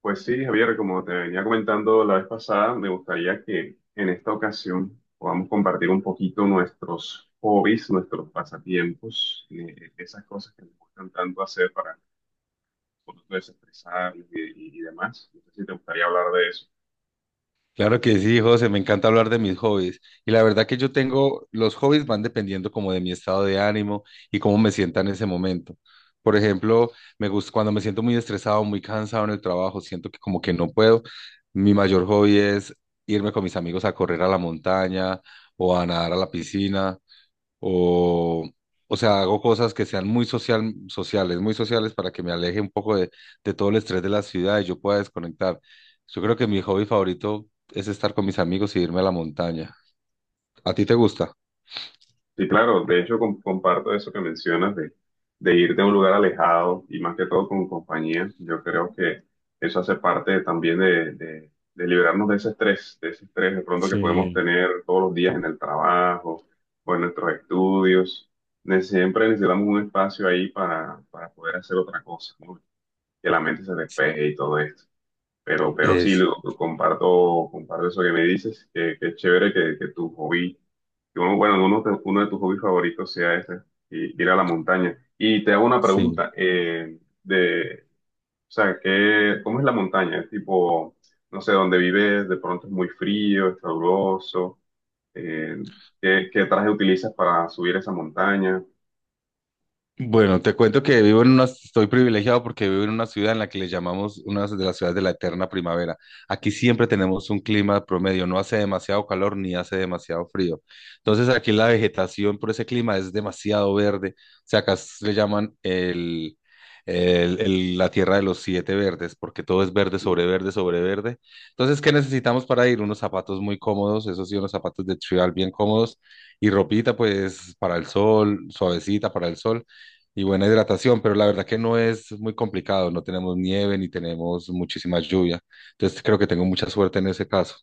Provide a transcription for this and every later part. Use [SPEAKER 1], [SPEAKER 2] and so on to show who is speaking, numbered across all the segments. [SPEAKER 1] Pues sí, Javier, como te venía comentando la vez pasada, me gustaría que en esta ocasión podamos compartir un poquito nuestros hobbies, nuestros pasatiempos, esas cosas que nos gustan tanto hacer para un poquito desestresarnos y demás. No sé si te gustaría hablar de eso.
[SPEAKER 2] Claro que sí, José, me encanta hablar de mis hobbies. Y la verdad que yo tengo, los hobbies van dependiendo como de mi estado de ánimo y cómo me sienta en ese momento. Por ejemplo, me gusta cuando me siento muy estresado, muy cansado en el trabajo, siento que como que no puedo. Mi mayor hobby es irme con mis amigos a correr a la montaña o a nadar a la piscina o, o sea, hago cosas que sean muy sociales para que me aleje un poco de todo el estrés de la ciudad y yo pueda desconectar. Yo creo que mi hobby favorito es estar con mis amigos y irme a la montaña. ¿A ti te gusta?
[SPEAKER 1] Sí, claro, de hecho comparto eso que mencionas de irte a un lugar alejado y más que todo con compañía. Yo creo que eso hace parte también de liberarnos de ese estrés, de ese estrés de pronto que podemos
[SPEAKER 2] Sí.
[SPEAKER 1] tener todos los días en el trabajo o en nuestros estudios. Siempre necesitamos un espacio ahí para poder hacer otra cosa, ¿no? Que la mente se despeje y todo esto. Pero sí,
[SPEAKER 2] Es.
[SPEAKER 1] lo comparto, comparto eso que me dices, que es chévere que tu hobby que uno, bueno, uno de tus hobbies favoritos sea ese, y ir a la montaña. Y te hago una
[SPEAKER 2] Sí.
[SPEAKER 1] pregunta, o sea, ¿qué, cómo es la montaña? Es tipo, no sé, dónde vives, de pronto es muy frío, es caluroso, eh, ¿qué, qué traje utilizas para subir esa montaña?
[SPEAKER 2] Bueno, te cuento que vivo en una, estoy privilegiado porque vivo en una ciudad en la que le llamamos una de las ciudades de la eterna primavera. Aquí siempre tenemos un clima promedio, no hace demasiado calor ni hace demasiado frío. Entonces aquí la vegetación por ese clima es demasiado verde. O sea, acá le llaman la tierra de los siete verdes, porque todo es verde sobre verde sobre verde. Entonces, ¿qué necesitamos para ir? Unos zapatos muy cómodos, eso sí, unos zapatos de tribal bien cómodos y ropita pues para el sol, suavecita para el sol y buena hidratación, pero la verdad que no es muy complicado, no tenemos nieve ni tenemos muchísima lluvia, entonces creo que tengo mucha suerte en ese caso.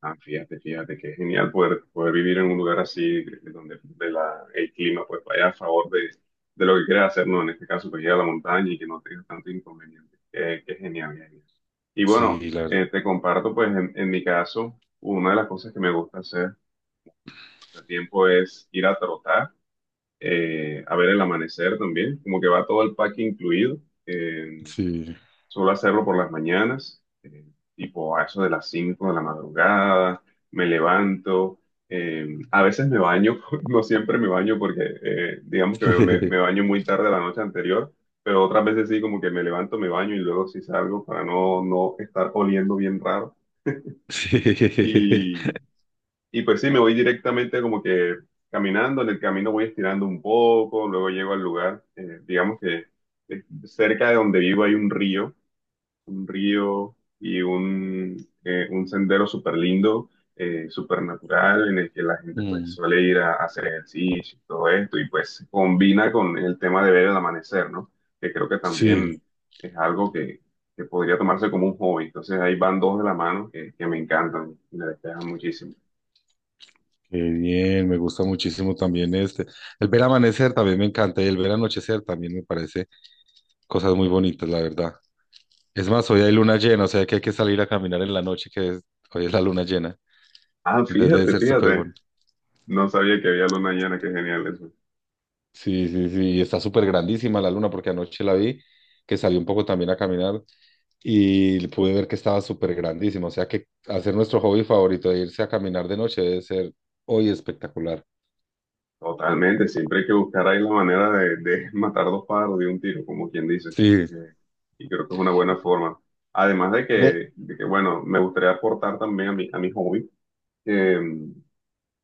[SPEAKER 1] Ah, fíjate, fíjate, que genial poder, poder vivir en un lugar así, donde de la, el clima pues vaya a favor de lo que quieras hacer, ¿no? En este caso, pues ir a la montaña y que no tengas tanto inconveniente. Qué, qué genial, genial. Y bueno,
[SPEAKER 2] Sí, la verdad,
[SPEAKER 1] te comparto, pues en mi caso, una de las cosas que me gusta hacer hace tiempo es ir a trotar, a ver el amanecer también, como que va todo el pack incluido. eh,
[SPEAKER 2] sí.
[SPEAKER 1] Suelo hacerlo por las mañanas, tipo a eso de las 5 de la madrugada, me levanto, a veces me baño, no siempre me baño porque digamos que me baño muy tarde la noche anterior, pero otras veces sí como que me levanto, me baño y luego sí salgo para no, no estar oliendo bien raro.
[SPEAKER 2] Sí.
[SPEAKER 1] Y, y pues sí, me voy directamente como que caminando, en el camino voy estirando un poco, luego llego al lugar, digamos que cerca de donde vivo hay un río un río y un, un sendero súper lindo, súper natural, en el que la gente pues
[SPEAKER 2] Mm,
[SPEAKER 1] suele ir a hacer ejercicio y todo esto, y pues se combina con el tema de ver el amanecer, ¿no? Que creo que
[SPEAKER 2] sí,
[SPEAKER 1] también es algo que podría tomarse como un hobby. Entonces ahí van dos de la mano que me encantan, y me despejan muchísimo.
[SPEAKER 2] qué bien, me gusta muchísimo también este. El ver amanecer también me encanta y el ver anochecer también me parece cosas muy bonitas, la verdad. Es más, hoy hay luna llena, o sea que hay que salir a caminar en la noche, que es- hoy es la luna llena.
[SPEAKER 1] Ah,
[SPEAKER 2] Entonces debe
[SPEAKER 1] fíjate,
[SPEAKER 2] ser súper
[SPEAKER 1] fíjate,
[SPEAKER 2] bonito.
[SPEAKER 1] no sabía que había luna llena, qué genial eso.
[SPEAKER 2] Sí, sí, sí, y está súper grandísima la luna porque anoche la vi, que salí un poco también a caminar y pude ver que estaba súper grandísima, o sea que hacer nuestro hobby favorito de irse a caminar de noche debe ser hoy espectacular.
[SPEAKER 1] Totalmente, siempre hay que buscar ahí la manera de matar dos pájaros de un tiro, como quien dice.
[SPEAKER 2] Sí,
[SPEAKER 1] Eh, y creo que es una buena forma. Además de
[SPEAKER 2] ve,
[SPEAKER 1] bueno, me gustaría aportar también a a mi hobby,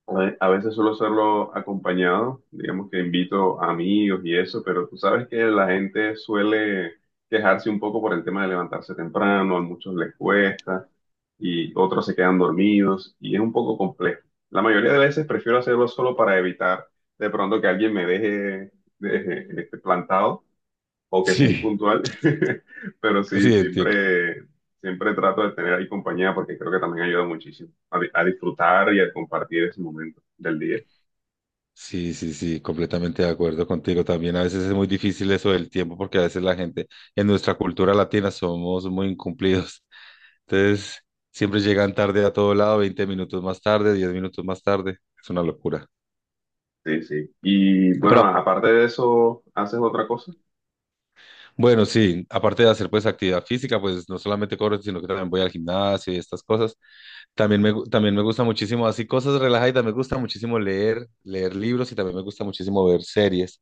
[SPEAKER 1] a veces suelo hacerlo acompañado, digamos que invito a amigos y eso, pero tú sabes que la gente suele quejarse un poco por el tema de levantarse temprano, a muchos les cuesta y otros se quedan dormidos y es un poco complejo. La mayoría de veces prefiero hacerlo solo para evitar de pronto que alguien me este, plantado o que sea
[SPEAKER 2] sí,
[SPEAKER 1] impuntual, pero sí,
[SPEAKER 2] sí, entiendo.
[SPEAKER 1] siempre trato de tener ahí compañía porque creo que también ayuda muchísimo a, a disfrutar y a compartir ese momento del día.
[SPEAKER 2] Sí, sí, sí, completamente de acuerdo contigo. También a veces es muy difícil eso del tiempo porque a veces la gente en nuestra cultura latina somos muy incumplidos. Entonces, siempre llegan tarde a todo lado, 20 minutos más tarde, 10 minutos más tarde. Es una locura.
[SPEAKER 1] Sí, sí. Y bueno,
[SPEAKER 2] Pero
[SPEAKER 1] aparte de eso, ¿haces otra cosa?
[SPEAKER 2] bueno, sí, aparte de hacer pues actividad física, pues no solamente corro, sino que también voy al gimnasio y estas cosas. También me gusta muchísimo, así cosas relajadas. Me gusta muchísimo leer, leer libros y también me gusta muchísimo ver series.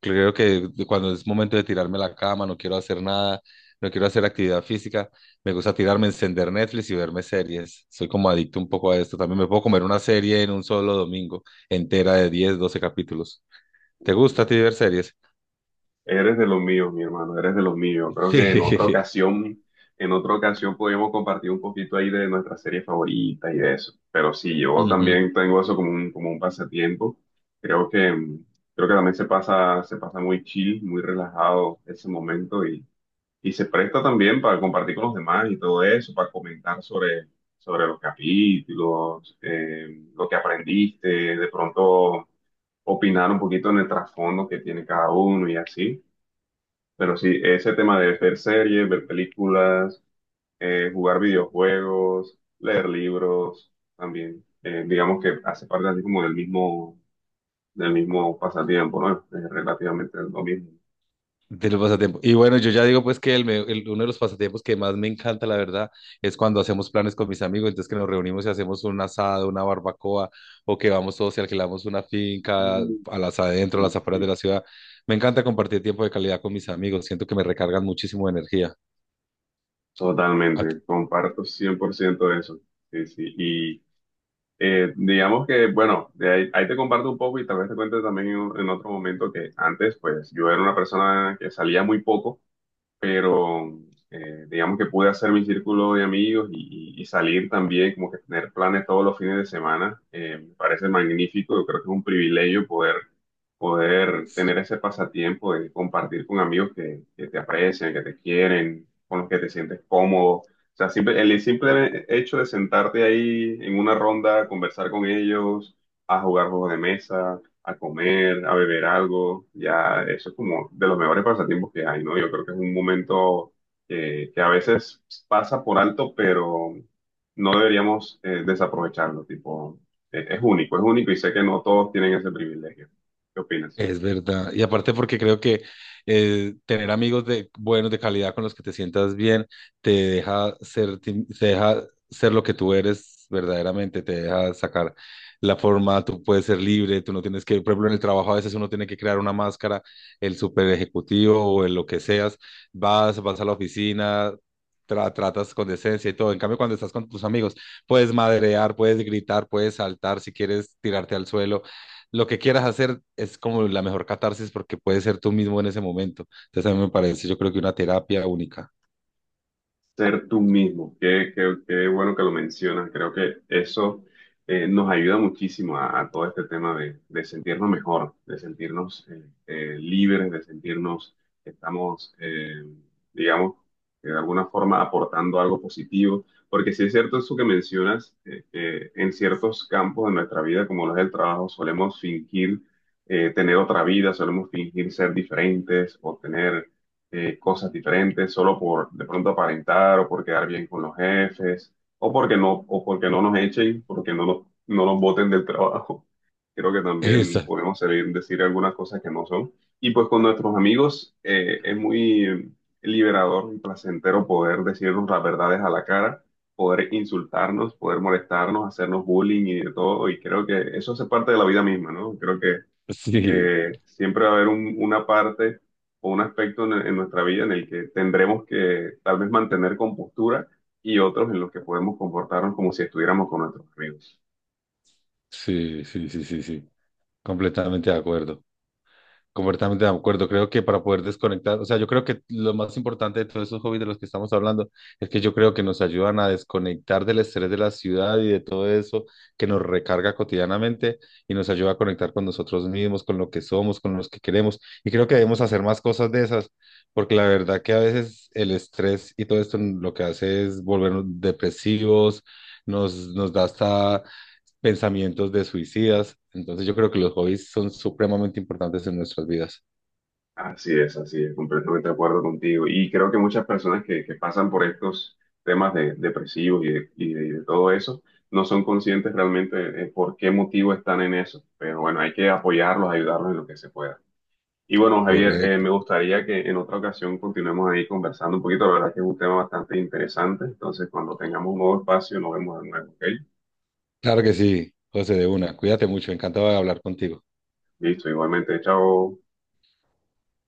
[SPEAKER 2] Creo que cuando es momento de tirarme a la cama, no quiero hacer nada, no quiero hacer actividad física, me gusta tirarme, encender Netflix y verme series. Soy como adicto un poco a esto. También me puedo comer una serie en un solo domingo, entera de 10, 12 capítulos. ¿Te gusta a ti ver series?
[SPEAKER 1] Eres de los míos, mi hermano, eres de los míos. Creo que en otra ocasión podríamos compartir un poquito ahí de nuestra serie favorita y de eso. Pero sí, yo
[SPEAKER 2] Sí.
[SPEAKER 1] también tengo eso como un pasatiempo. Creo que, mm, creo que también se pasa muy chill, muy relajado ese momento y se presta también para compartir con los demás y todo eso, para comentar sobre los capítulos, lo que aprendiste, de pronto opinar un poquito en el trasfondo que tiene cada uno y así. Pero sí, ese tema de ver series, ver películas, jugar videojuegos, leer libros, también, digamos que hace parte así como del mismo pasatiempo, ¿no? Es relativamente lo mismo.
[SPEAKER 2] De los pasatiempos. Y bueno, yo ya digo pues que uno de los pasatiempos que más me encanta, la verdad, es cuando hacemos planes con mis amigos, entonces que nos reunimos y hacemos un asado, una barbacoa, o que vamos todos y alquilamos una finca
[SPEAKER 1] Mm.
[SPEAKER 2] a
[SPEAKER 1] Sí,
[SPEAKER 2] las afueras de
[SPEAKER 1] sí,
[SPEAKER 2] la ciudad. Me encanta compartir tiempo de calidad con mis amigos, siento que me recargan muchísimo de energía.
[SPEAKER 1] totalmente, comparto 100% de eso. Sí, sí, y digamos que, bueno, de ahí, ahí te comparto un poco y tal vez te cuente también en otro momento que antes, pues yo era una persona que salía muy poco pero digamos que pude hacer mi círculo de amigos y salir también, como que tener planes todos los fines de semana, me parece magnífico, yo creo que es un privilegio poder, poder tener ese pasatiempo de compartir con amigos que te aprecian, que te quieren, con los que te sientes cómodo. O sea, el simple hecho de sentarte ahí en una ronda, conversar con ellos, a jugar juegos de mesa a comer, a beber algo, ya eso es como de los mejores pasatiempos que hay, ¿no? Yo creo que es un momento que a veces pasa por alto, pero no deberíamos desaprovecharlo, tipo, es único y sé que no todos tienen ese privilegio. ¿Qué opinas?
[SPEAKER 2] Es verdad. Y aparte porque creo que tener amigos de buenos, de calidad, con los que te sientas bien, te deja ser lo que tú eres verdaderamente, te deja sacar la forma, tú puedes ser libre, tú no tienes que, por ejemplo, en el trabajo a veces uno tiene que crear una máscara, el super ejecutivo o el lo que seas, vas a la oficina. Tra- tratas con decencia y todo. En cambio, cuando estás con tus amigos, puedes madrear, puedes gritar, puedes saltar si quieres tirarte al suelo lo que quieras hacer es como la mejor catarsis porque puedes ser tú mismo en ese momento. Entonces a mí me parece, yo creo que una terapia única.
[SPEAKER 1] Ser tú mismo, qué, qué bueno que lo mencionas, creo que eso nos ayuda muchísimo a todo este tema de sentirnos mejor, de sentirnos libres, de sentirnos que estamos, digamos, que de alguna forma aportando algo positivo, porque sí es cierto eso que mencionas, que en ciertos campos de nuestra vida, como los del trabajo, solemos fingir tener otra vida, solemos fingir ser diferentes o tener cosas diferentes solo por de pronto aparentar o por quedar bien con los jefes o porque no nos echen, porque no nos no nos boten del trabajo. Creo que también
[SPEAKER 2] Esa,
[SPEAKER 1] podemos salir decir algunas cosas que no son. Y pues con nuestros amigos es muy liberador y placentero poder decirnos las verdades a la cara, poder insultarnos, poder molestarnos, hacernos bullying y de todo. Y creo que eso hace parte de la vida misma, ¿no? Creo que
[SPEAKER 2] sí,
[SPEAKER 1] siempre va a haber una parte o un aspecto en nuestra vida en el que tendremos que tal vez mantener compostura y otros en los que podemos comportarnos como si estuviéramos con nuestros amigos.
[SPEAKER 2] sí, sí, sí, sí, sí, completamente de acuerdo. Completamente de acuerdo. Creo que para poder desconectar, o sea, yo creo que lo más importante de todos esos hobbies de los que estamos hablando es que yo creo que nos ayudan a desconectar del estrés de la ciudad y de todo eso que nos recarga cotidianamente y nos ayuda a conectar con nosotros mismos, con lo que somos, con los que queremos. Y creo que debemos hacer más cosas de esas, porque la verdad que a veces el estrés y todo esto lo que hace es volvernos depresivos, nos da hasta pensamientos de suicidas. Entonces yo creo que los hobbies son supremamente importantes en nuestras vidas.
[SPEAKER 1] Así es, completamente de acuerdo contigo. Y creo que muchas personas que pasan por estos temas de, depresivos y y de todo eso, no son conscientes realmente por qué motivo están en eso. Pero bueno, hay que apoyarlos, ayudarlos en lo que se pueda. Y bueno, Javier,
[SPEAKER 2] Correcto.
[SPEAKER 1] me gustaría que en otra ocasión continuemos ahí conversando un poquito. La verdad es que es un tema bastante interesante. Entonces, cuando tengamos un nuevo espacio, nos vemos de nuevo, ¿ok?
[SPEAKER 2] Claro que sí, José, de una. Cuídate mucho, encantado de hablar contigo.
[SPEAKER 1] Listo, igualmente, chao.